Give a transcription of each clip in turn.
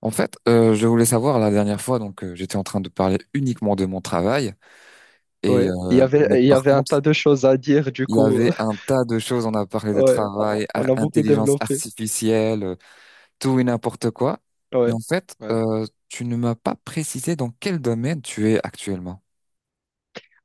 En fait, je voulais savoir la dernière fois, j'étais en train de parler uniquement de mon travail, et Ouais, il y euh, avait, mais il y par avait un contre, tas de choses à dire, du il y coup, avait un tas de choses. On a parlé de ouais, on travail, on a beaucoup intelligence développé. artificielle, tout et n'importe quoi. Mais Ouais, en fait, ouais. Tu ne m'as pas précisé dans quel domaine tu es actuellement.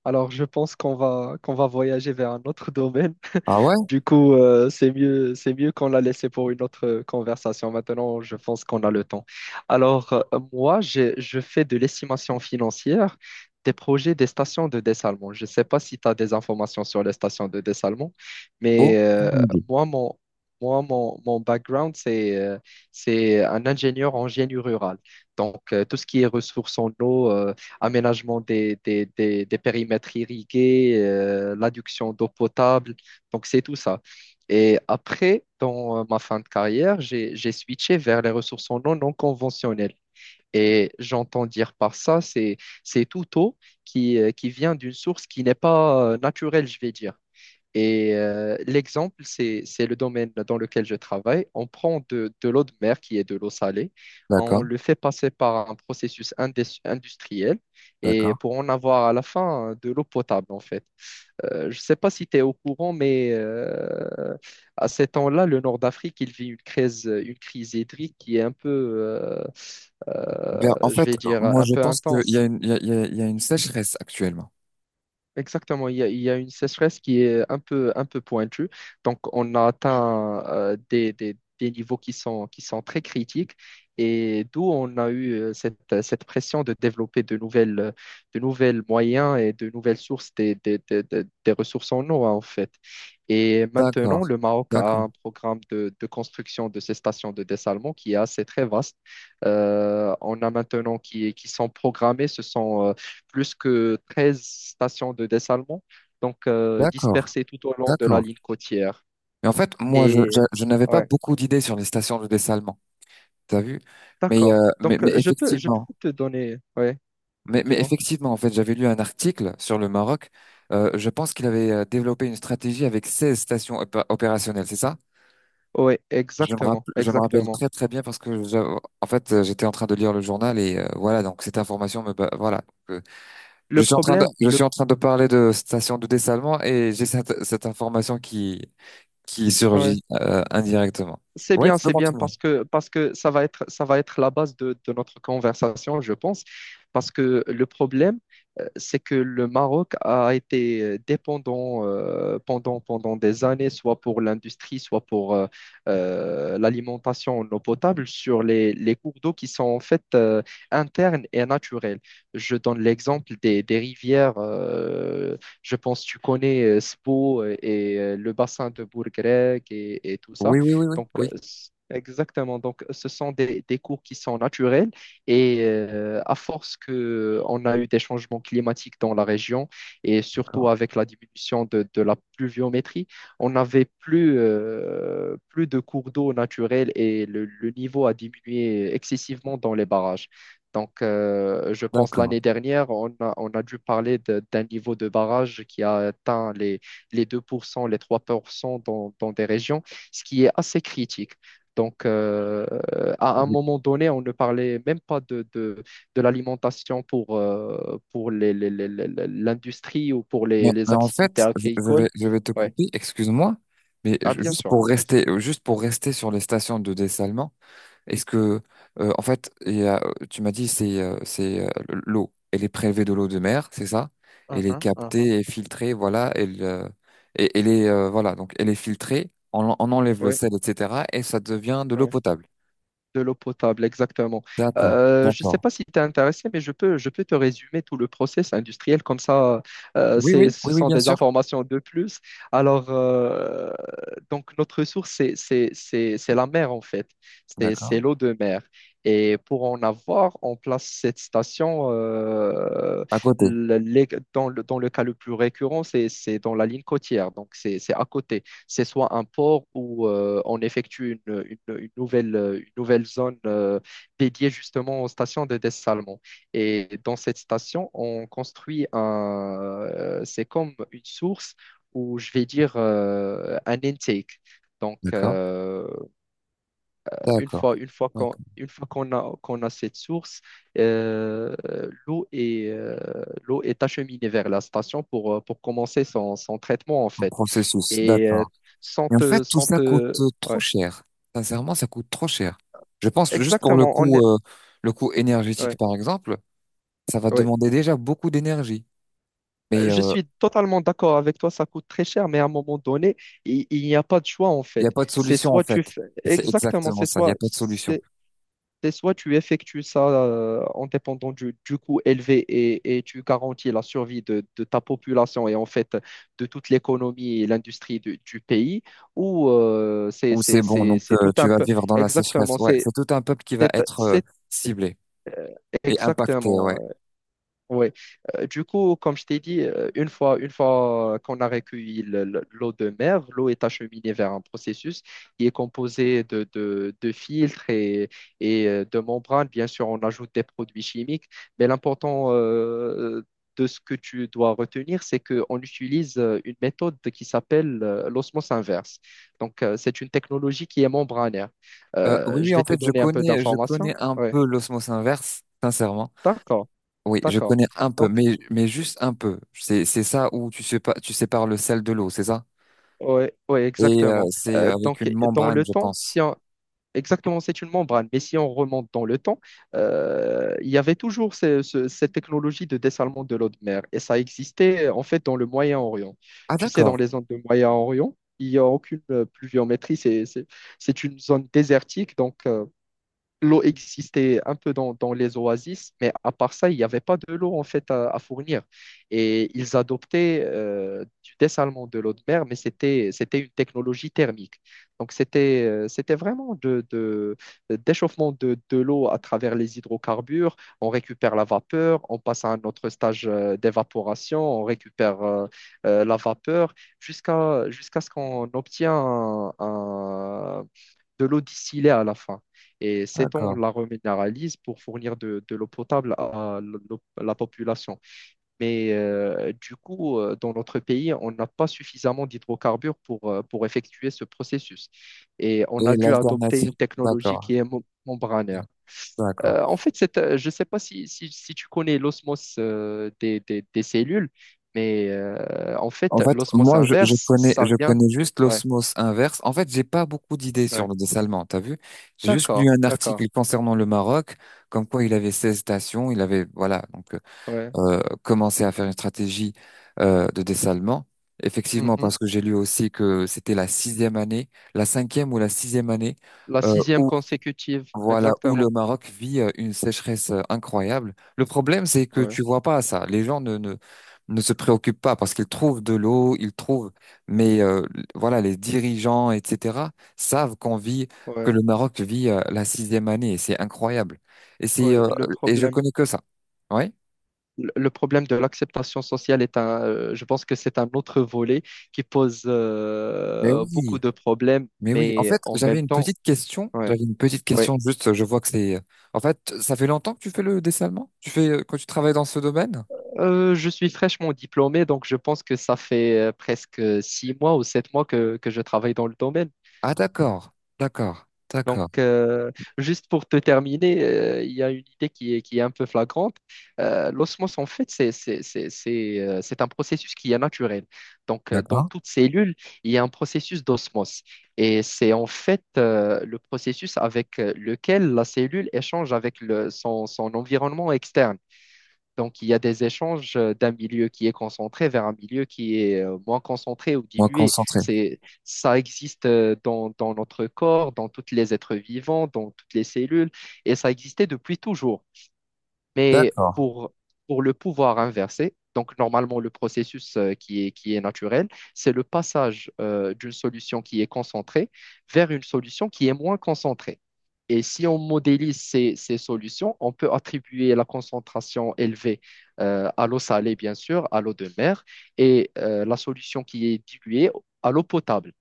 Alors, je pense qu'on va voyager vers un autre domaine. Ah ouais? Du coup, c'est mieux qu'on l'a laissé pour une autre conversation. Maintenant, je pense qu'on a le temps. Alors, moi, je fais de l'estimation financière des projets des stations de dessalement. Je ne sais pas si tu as des informations sur les stations de dessalement, mais Aucune idée. moi, mon, moi, mon background, c'est un ingénieur en génie rural. Donc, tout ce qui est ressources en eau, aménagement des périmètres irrigués, l'adduction d'eau potable donc, c'est tout ça. Et après, dans ma fin de carrière, j'ai switché vers les ressources en eau non conventionnelles. Et j'entends dire par ça, c'est tout eau qui vient d'une source qui n'est pas naturelle, je vais dire. Et l'exemple, c'est le domaine dans lequel je travaille. On prend de l'eau de mer, qui est de l'eau salée, on D'accord, le fait passer par un processus industriel et d'accord. pour en avoir à la fin de l'eau potable, en fait. Je ne sais pas si tu es au courant, mais à ces temps-là, le Nord d'Afrique, il vit une crise hydrique qui est un peu, Ben, en je fait, vais dire, moi un je peu pense qu'il y intense. a une, il y a, il y a il y a une sécheresse actuellement. Exactement, il y a une sécheresse qui est un peu pointue. Donc, on a atteint des niveaux qui sont très critiques et d'où on a eu cette pression de développer de nouvelles moyens et de nouvelles sources des ressources en eau, hein, en fait. Et maintenant, D'accord, le Maroc d'accord, a un programme de construction de ces stations de dessalement qui est assez très vaste. On a maintenant qui sont programmées, plus que 13 stations de dessalement, donc d'accord, dispersées tout au long de la d'accord. ligne côtière. Mais en fait, moi, Et je n'avais pas ouais, beaucoup d'idées sur les stations de dessalement. T'as vu? Mais, euh, d'accord. mais, Donc mais je peux, je effectivement, peux te donner, ouais, mais dis-moi. effectivement, en fait, j'avais lu un article sur le Maroc. Je pense qu'il avait développé une stratégie avec 16 stations opérationnelles, c'est ça? Ouais, exactement, Je me rappelle exactement. très très bien parce que j'étais en train de lire le journal et voilà, donc cette information voilà. Euh, Le problème, je suis en train de parler de stations de dessalement et j'ai cette information qui ouais. surgit indirectement. C'est Ouais, bien, tu peux c'est bien continuer. Parce que ça va être la base de notre conversation, je pense. Parce que le problème, c'est que le Maroc a été dépendant pendant des années, soit pour l'industrie, soit pour l'alimentation en eau potable, sur les cours d'eau qui sont en fait internes et naturels. Je donne l'exemple des rivières. Je pense que tu connais Spo et le bassin de Bourgrec et tout ça. Oui, oui, oui, oui, Donc, oui. Exactement. Donc, ce sont des cours qui sont naturels et à force que on a eu des changements climatiques dans la région et surtout D'accord. avec la diminution de la pluviométrie, on n'avait plus de cours d'eau naturels et le niveau a diminué excessivement dans les barrages. Donc, je pense D'accord. l'année dernière, on a dû parler d'un niveau de barrage qui a atteint les 2%, les 3% dans des régions ce qui est assez critique. Donc, à un Oui. moment donné, on ne parlait même pas de l'alimentation pour l'industrie ou pour les Mais en activités fait, agricoles. Je vais te Ouais. couper, excuse-moi, mais Ah, bien sûr. Vas-y. Juste pour rester sur les stations de dessalement, est-ce que, en fait, tu m'as dit, c'est l'eau, elle est prélevée de l'eau de mer, c'est ça? Elle est Mhm, mhm. captée et filtrée, voilà, elle est, voilà, donc elle est filtrée, on enlève le Ouais, sel, etc., et ça devient de l'eau ouais. potable. De l'eau potable, exactement. D'accord, Je ne sais d'accord. pas si tu es intéressé, mais je peux te résumer tout le process industriel. Comme ça, Oui, oui, ce oui, oui, sont bien des sûr. informations de plus. Alors, donc notre ressource, c'est la mer, en fait. C'est D'accord. l'eau de mer. Et pour en avoir, on place cette station À côté. le- les- dans le cas le plus récurrent, c'est dans la ligne côtière. Donc, c'est à côté c'est soit un port où on effectue une nouvelle zone dédiée justement aux stations de dessalement. Et dans cette station, on construit c'est comme une source ou je vais dire un intake. Donc, D'accord, d'accord. Une fois qu'on a cette source, euh, l'eau est, l'eau est acheminée vers la station pour commencer son traitement, en Un fait. processus, Et d'accord. sans Mais en te, fait, tout sans ça coûte te... trop Ouais. cher. Sincèrement, ça coûte trop cher. Je pense que juste pour Exactement, le coût énergétique, ouais, par exemple, ça va ouais. demander déjà beaucoup d'énergie. Euh, Mais Je euh, suis totalement d'accord avec toi, ça coûte très cher, mais à un moment donné, il n'y a pas de choix, en il n'y fait. a pas de C'est solution, en soit fait. tu fais... C'est Exactement, exactement ça, il n'y a pas de solution. c'est- c'est soit tu effectues ça en dépendant du coût élevé et tu garantis la survie de ta population et en fait de toute l'économie et l'industrie du pays, ou c'est Ou c'est- c'est bon, c'est- c'est tout tu un vas peu. vivre dans la sécheresse. Exactement, Ouais, c'est c'est tout un peuple qui va c'est- être c'est ciblé et impacté, ouais. exactement oui. Du coup, comme je t'ai dit, une fois qu'on a recueilli l'eau de mer, l'eau est acheminée vers un processus qui est composé de filtres et de membranes. Bien sûr, on ajoute des produits chimiques, mais l'important de ce que tu dois retenir, c'est qu'on utilise une méthode qui s'appelle l'osmose inverse. Donc, c'est une technologie qui est membranaire. Oui, Je oui, vais en te fait, donner un peu je connais d'informations. un Oui, peu l'osmose inverse, sincèrement. d'accord, Oui, je d'accord. connais un peu, mais juste un peu. C'est ça où tu sépares le sel de l'eau, c'est ça? Ouais, ouais, Et exactement. c'est Euh, avec une donc, dans membrane, le je temps, pense. si on- exactement, c'est une membrane, mais si on remonte dans le temps, il y avait toujours cette technologie de dessalement de l'eau de mer, et ça existait en fait dans le Moyen-Orient. Ah, Tu sais, dans d'accord, les zones de Moyen-Orient, il n'y a aucune pluviométrie, c'est une zone désertique, donc. L'eau existait un peu dans les oasis, mais à part ça, il n'y avait pas de l'eau en fait à fournir. Et ils adoptaient du dessalement de l'eau de mer, mais c'était une technologie thermique. Donc c'était vraiment d'échauffement de l'eau à travers les hydrocarbures. On récupère la vapeur, on passe à un autre stage d'évaporation, on récupère la vapeur jusqu'à ce qu'on obtient de l'eau distillée à la fin. Et cette eau, on d'accord. la reminéralise pour fournir de l'eau potable à la population. Mais du coup, dans notre pays, on n'a pas suffisamment d'hydrocarbures pour effectuer ce processus. Et on Et a dû adopter l'alternative? une technologie D'accord, qui est membranaire. d'accord. En fait, je ne sais pas si tu connais l'osmose des cellules, mais en En fait, fait, l'osmose moi, inverse, ça je vient. connais juste Ouais, l'osmose inverse. En fait, j'ai pas beaucoup d'idées sur ouais. le dessalement, t'as vu? J'ai juste lu D'accord, un d'accord. article concernant le Maroc, comme quoi il avait 16 stations, il avait, voilà. Donc, euh, Ouais. euh, commencer à faire une stratégie de dessalement. Effectivement, Mhm. parce que j'ai lu aussi que c'était la sixième année, la cinquième ou la sixième année La euh, sixième où consécutive, voilà où le exactement. Maroc vit une sécheresse incroyable. Le problème, c'est que Ouais, tu vois pas ça. Les gens ne se préoccupent pas parce qu'ils trouvent de l'eau, ils trouvent. Mais euh, voilà, les dirigeants, etc., savent qu'on vit que ouais, le Maroc vit la sixième année. Et c'est incroyable. Et c'est ouais. Le et je problème, connais que ça. Oui, le problème de l'acceptation sociale est un, je pense que c'est un autre volet qui pose mais beaucoup oui. de problèmes, Mais oui, en mais fait, en j'avais même une temps, petite question. ouais, J'avais une petite ouais. question, juste, je vois que c'est... En fait, ça fait longtemps que tu fais le dessin allemand? Tu fais, quand tu travailles dans ce domaine? Je suis fraîchement diplômé, donc je pense que ça fait presque 6 mois ou 7 mois que je travaille dans le domaine. Ah, d'accord, d'accord, Donc, d'accord, juste pour te terminer, il y a une idée qui est un peu flagrante. L'osmose, en fait, c'est un processus qui est naturel. Donc, dans d'accord. toute cellule, il y a un processus d'osmose. Et c'est en fait le processus avec lequel la cellule échange avec son environnement externe. Donc, il y a des échanges d'un milieu qui est concentré vers un milieu qui est moins concentré ou Moi, dilué. concentré. Ça existe dans notre corps, dans tous les êtres vivants, dans toutes les cellules, et ça existait depuis toujours. Mais D'accord, pour le pouvoir inversé, donc normalement le processus qui est naturel, c'est le passage d'une solution qui est concentrée vers une solution qui est moins concentrée. Et si on modélise ces solutions, on peut attribuer la concentration élevée à l'eau salée, bien sûr, à l'eau de mer, et la solution qui est diluée à l'eau potable.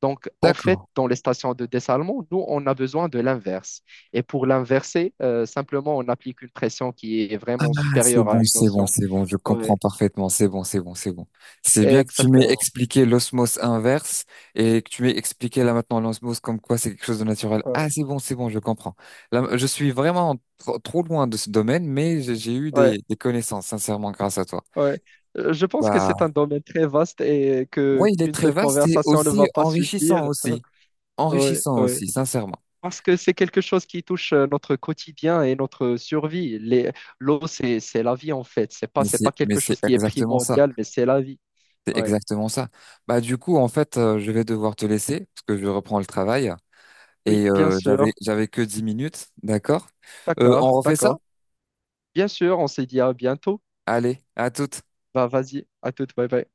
Donc, en fait, d'accord. dans les stations de dessalement, nous, on a besoin de l'inverse. Et pour l'inverser, simplement, on applique une pression qui est vraiment Ah, c'est supérieure bon, à une c'est bon, notion. c'est bon, je comprends Ouais, parfaitement, c'est bon, c'est bon, c'est bon. C'est bien que tu m'aies exactement. expliqué l'osmose inverse et que tu m'aies expliqué là maintenant l'osmose comme quoi c'est quelque chose de naturel. Ah, Ouais, c'est bon, je comprends. Là, je suis vraiment trop, trop loin de ce domaine, mais j'ai eu ouais, des connaissances, sincèrement, grâce à toi. ouais. Je pense que c'est un Bah, domaine très vaste et que ouais, il est qu'une très seule vaste et conversation ne aussi va pas enrichissant suffire. aussi. Ouais, Enrichissant ouais. aussi, sincèrement. Parce que c'est quelque chose qui touche notre quotidien et notre survie. L'eau, c'est la vie, en fait. C'est pas, c'est pas Mais quelque c'est chose qui est exactement ça. primordial, mais c'est la vie. C'est Ouais. exactement ça. Bah, du coup, en fait, je vais devoir te laisser parce que je reprends le travail. Oui, Et bien sûr. j'avais que 10 minutes, d'accord? On D'accord, refait ça? d'accord. Bien sûr, on se dit à bientôt. Allez, à toutes. Bah, vas-y, à toute, bye bye.